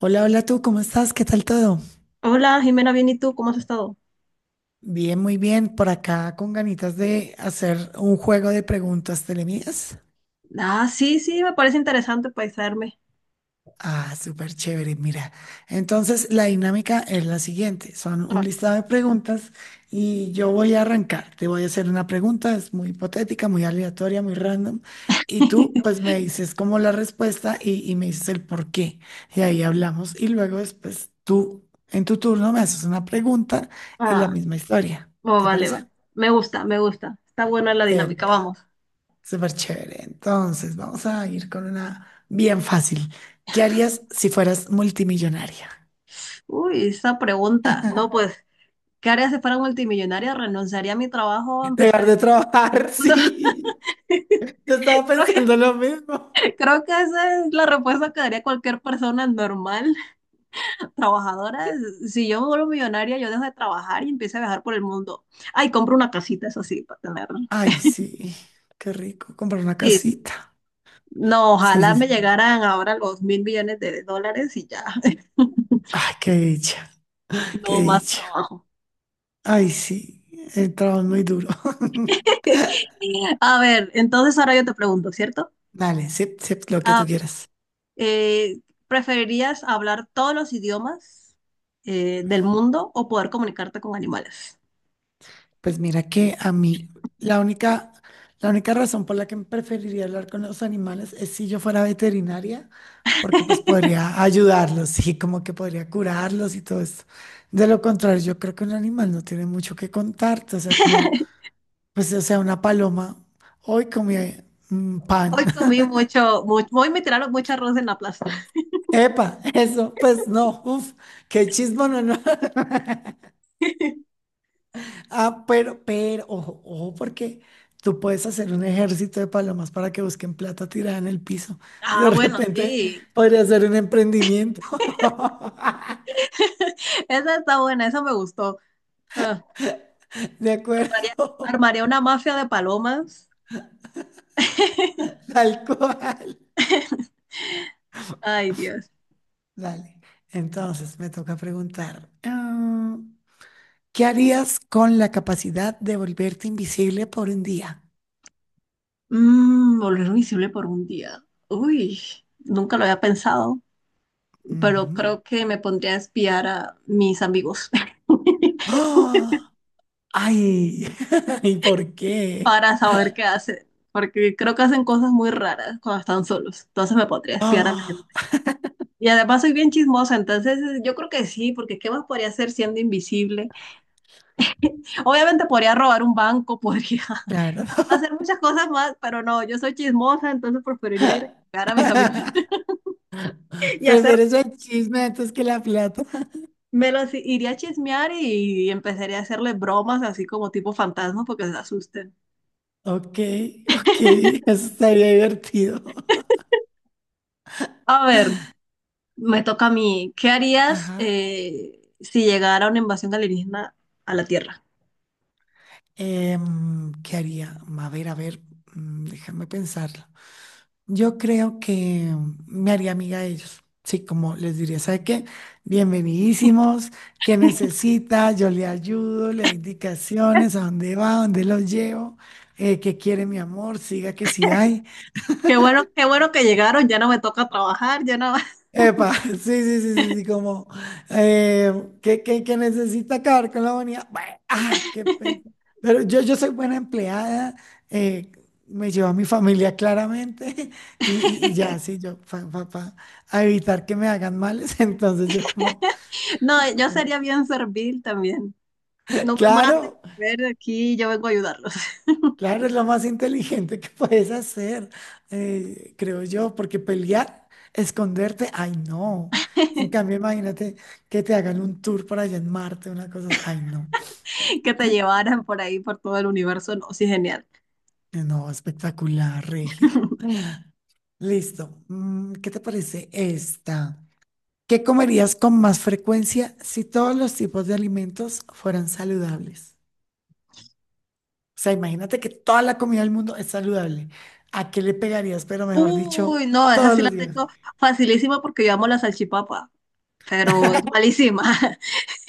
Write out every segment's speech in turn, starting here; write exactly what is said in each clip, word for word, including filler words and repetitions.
Hola, hola tú, ¿cómo estás? ¿Qué tal todo? Hola, Jimena, bien, ¿y tú? ¿Cómo has estado? Bien, muy bien. Por acá con ganitas de hacer un juego de preguntas telemidas. Ah, sí, sí, me parece interesante paisarme. Ah, súper chévere, mira. Entonces, la dinámica es la siguiente. Son un Ah, listado de preguntas y yo voy a arrancar. Te voy a hacer una pregunta, es muy hipotética, muy aleatoria, muy random. Y tú, pues, me dices como la respuesta y, y me dices el por qué. Y ahí hablamos. Y luego después tú, en tu turno, me haces una pregunta y la ah, misma historia. oh, ¿Te vale, parece? vale. Me gusta, me gusta. Está buena la dinámica, Epa, vamos. súper chévere. Entonces, vamos a ir con una bien fácil. ¿Qué harías si fueras multimillonaria? Uy, esa pregunta. No, pues, ¿qué haría si fuera multimillonaria? ¿Renunciaría a mi trabajo? Dejar ¿Empezaría de a trabajar, sí. Yo estaba Creo que, pensando lo mismo. creo que esa es la respuesta que daría cualquier persona normal, trabajadora. Si yo me vuelvo millonaria, yo dejo de trabajar y empiezo a viajar por el mundo. Ay, compro una casita, eso sí, para tenerla. Ay, sí, qué rico, comprar una Sí, casita. no, Sí, ojalá sí, me sí. llegaran ahora los mil millones de dólares y ya, Ay, qué dicha, qué no más dicha. trabajo. Ay, sí, el trabajo es muy duro. A ver, entonces ahora yo te pregunto, ¿cierto? Dale, sí, sí, lo que tú A ver, quieras. eh, ¿preferirías hablar todos los idiomas eh, del mundo o poder comunicarte con animales? Pues mira que a mí la única, la única razón por la que preferiría hablar con los animales es si yo fuera veterinaria, porque pues podría ayudarlos y como que podría curarlos y todo eso. De lo contrario, yo creo que un animal no tiene mucho que contarte, o sea, como, pues, o sea, una paloma, hoy comí mm, pan. Hoy comí mucho, mucho, hoy me tiraron mucho arroz en la plaza. Epa, eso, pues no, uff, qué chismo, no, no. Ah, pero, pero, ojo, ojo, porque tú puedes hacer un ejército de palomas para que busquen plata tirada en el piso. Ah, De bueno, repente sí. podría ser un emprendimiento. Esa está buena, esa me gustó. Ah, De armaría, acuerdo, armaría una mafia de palomas. tal cual. Ay, Dios. Dale. Entonces me toca preguntar, ah, ¿qué harías con la capacidad de volverte invisible por un día? Mm, volver invisible por un día. Uy, nunca lo había pensado, pero Mm. creo que me pondría a espiar a mis amigos ¡Ah! ¡Ay! ¿Y por qué? para saber qué hacen, porque creo que hacen cosas muy raras cuando están solos. Entonces me podría espiar a la Ah, gente. Y además soy bien chismosa, entonces eh, yo creo que sí, porque ¿qué más podría hacer siendo invisible? Obviamente podría robar un banco, podría claro. hacer muchas cosas más, pero no, yo soy chismosa, entonces preferiría ir a espiar a mis amigos y hacer Prefieres el chisme antes que la plata. me los i- iría a chismear y empezaría a hacerle bromas así como tipo fantasma porque se asusten. Ok, ok, eso estaría divertido. A ver, me toca a mí. ¿Qué harías Ajá. eh, si llegara una invasión alienígena a la Tierra? Em, ¿qué haría? A ver, a ver, mm, déjame pensarlo. Yo creo que me haría amiga de ellos. Sí, como les diría, ¿sabe qué? Bienvenidísimos, ¿qué necesita? Yo le ayudo, le doy indicaciones, a dónde va, a dónde los llevo, eh, qué quiere mi amor, siga que sí hay. Qué bueno, qué bueno que llegaron, ya no me toca trabajar, ya no. Epa, sí, sí, sí, sí, sí, como eh, que, que, que necesita acabar con la bonita. Ah, qué pena. Pero yo, yo soy buena empleada, eh, me llevo a mi familia claramente y, y- y ya, sí, yo, pa, pa- pa, a evitar que me hagan males. Entonces yo como, No, yo sería bien servil también. No me maten, claro, ver aquí, yo vengo a ayudarlos. claro, es lo más inteligente que puedes hacer, eh, creo yo, porque pelear, esconderte, ay, no. En cambio, imagínate que te hagan un tour por allá en Marte, una cosa así, ay, no. Que te llevaran por ahí, por todo el universo, no, sí, genial. Eh, no, espectacular, Regio. Listo. Mm, ¿qué te parece esta? ¿Qué comerías con más frecuencia si todos los tipos de alimentos fueran saludables? O sea, imagínate que toda la comida del mundo es saludable. ¿A qué le pegarías, pero mejor dicho, Uy, no, esa todos sí la los días? tengo facilísima porque yo amo la salchipapa, pero es malísima.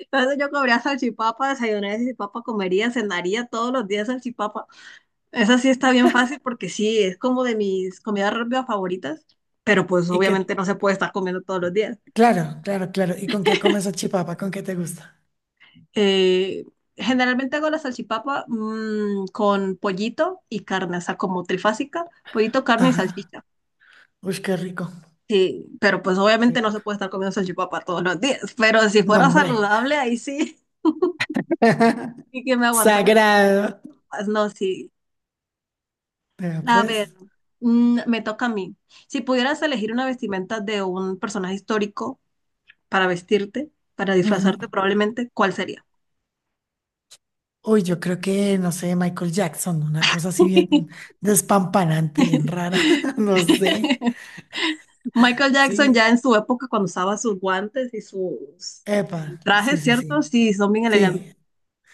Entonces yo comería salchipapa, desayunaría salchipapa, comería, cenaría todos los días salchipapa. Esa sí está bien fácil porque sí, es como de mis comidas rápidas favoritas, pero pues Y obviamente que, no se puede estar comiendo todos los días. claro, claro, claro. ¿Y con qué comes chipapa? ¿Con qué te gusta? Eh, generalmente hago la salchipapa mm, con pollito y carne, o sea, como trifásica, pollito, carne y Ajá. salchicha. Uy, qué rico. Sí, pero pues Sí. obviamente no se puede estar comiendo salchipapa todos los días, pero si No, fuera hombre. saludable, ahí sí, y que me aguantara comiendo. Sagrado. No, sí, Vea, a ver, pues. mm, me toca a mí. Si pudieras elegir una vestimenta de un personaje histórico para vestirte, para Ujú. disfrazarte probablemente, ¿cuál sería? Uy, yo creo que, no sé, Michael Jackson, una cosa así bien despampanante, bien rara, no sé. Michael Jackson Sí, ya en su época cuando usaba sus guantes y sus eh, epa, sí, trajes, sí, ¿cierto? sí. Sí, son bien elegantes. Sí,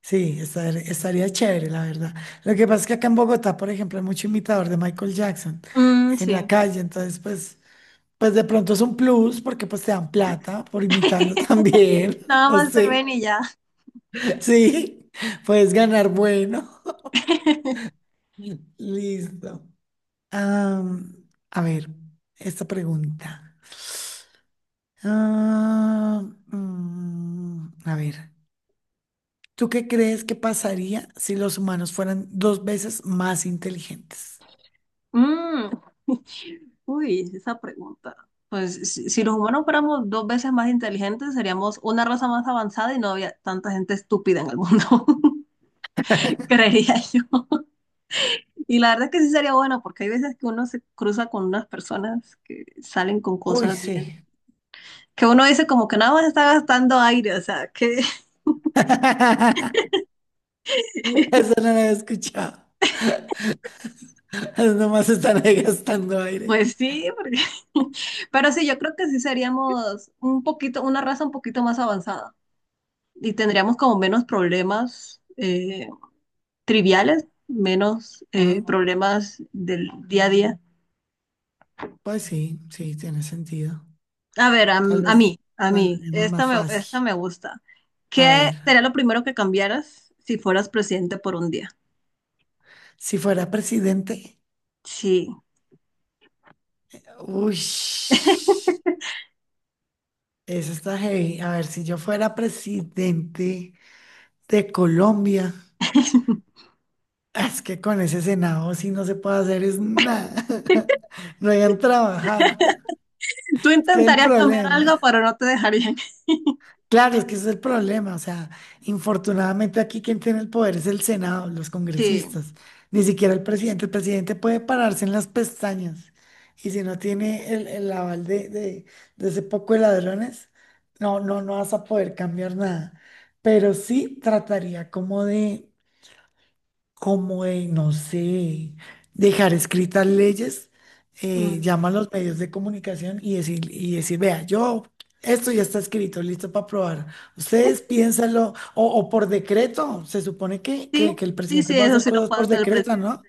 sí, estar- estaría chévere, la verdad. Lo que pasa es que acá en Bogotá, por ejemplo, hay mucho imitador de Michael Jackson Mm, en la sí. calle, entonces, pues, pues de pronto es un plus porque pues te dan plata por imitarlo también, Nada no más te sé. ven y ya. Sí, puedes ganar bueno. Listo. Am, a ver, esta pregunta. Ah, mm, a ver, ¿tú qué crees que pasaría si los humanos fueran dos veces más inteligentes? Mm. Uy, esa pregunta. Pues si, si los humanos fuéramos dos veces más inteligentes, seríamos una raza más avanzada y no había tanta gente estúpida en el mundo, creería yo. Y la verdad es que sí sería bueno, porque hay veces que uno se cruza con unas personas que salen con Uy, cosas bien, sí. que uno dice como que nada más está gastando aire, o sea, que Eso no lo había escuchado. Nomás están ahí gastando aire. pues sí, porque- pero sí, yo creo que sí seríamos un poquito, una raza un poquito más avanzada y tendríamos como menos problemas, eh, triviales, menos eh, Ah, problemas del día a día. pues sí, sí, tiene sentido. A ver, a, Tal a vez mí, a lo mí, haremos más esta me, fácil. esta me gusta. A ¿Qué ver, sería lo primero que cambiaras si fueras presidente por un día? si fuera presidente, Sí. uy. Eso está heavy. A ver, si yo fuera presidente de Colombia, ah, es que con ese Senado sí no se puede hacer es nada. No hayan trabajar. Tú Es que es el intentarías cambiar algo, problema. pero no te dejarían. Claro, es que ese es el problema. O sea, infortunadamente aquí quien tiene el poder es el Senado, los Sí, congresistas, ni siquiera el presidente. El presidente puede pararse en las pestañas y si no tiene el, el aval de, de, de ese poco de ladrones, no, no, no vas a poder cambiar nada. Pero sí trataría como de, como de, no sé, dejar escritas leyes, eh, mm, llama a los medios de comunicación y decir, y decir, vea, yo, esto ya está escrito, listo para aprobar. Ustedes piénsalo, o, o por decreto, se supone que, que, sí, que el sí, sí, presidente va a eso hacer sí lo cosas puede por hacer el decreto, presidente. ¿no?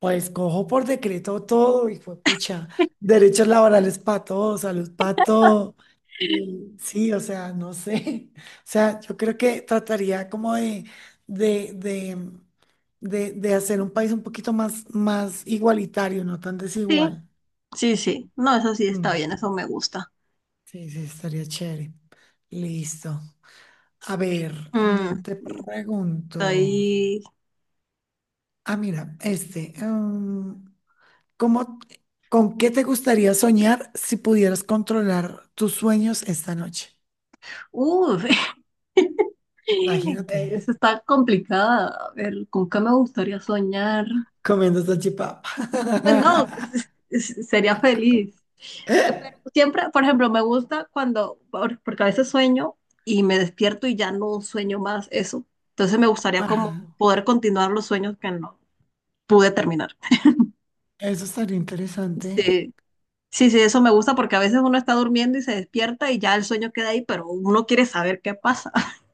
Pues cojo por decreto todo y fue pucha, derechos laborales para todos, salud para todo. Eh, sí, o sea, no sé. O sea, yo creo que trataría como de, de, de, de, de hacer un país un poquito más, más igualitario, no tan Sí, desigual. sí, sí. No, eso sí está Mm, bien, eso me gusta. sí, sí, estaría chévere. Listo. A ver, Mm, mm, te pregunto. estoy. Ah, mira, este. em, ¿Cómo, con qué te gustaría soñar si pudieras controlar tus sueños esta noche? Uf, Imagínate, eso está complicada. A ver, ¿con qué me gustaría soñar? comiendo salchipapa. Pues no, s- s- sería feliz. Eh, Pero siempre, por ejemplo, me gusta cuando, por- porque a veces sueño y me despierto y ya no sueño más eso. Entonces me gustaría como Ajá, poder continuar los sueños que no pude terminar. eso estaría interesante. Sí, sí, sí, eso me gusta porque a veces uno está durmiendo y se despierta y ya el sueño queda ahí, pero uno quiere saber qué pasa.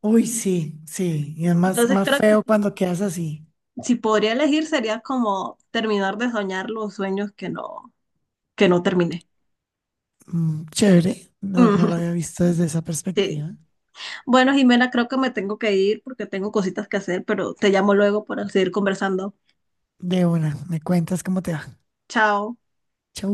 Uy, sí, sí, y es más, Entonces más creo que feo si, cuando quedas así. si podría elegir sería como terminar de soñar los sueños que no que no terminé. Mm, chévere, no, no lo había visto desde esa Sí. perspectiva. Bueno, Jimena, creo que me tengo que ir porque tengo cositas que hacer, pero te llamo luego para seguir conversando. De una, me cuentas cómo te va. Chao. Chau.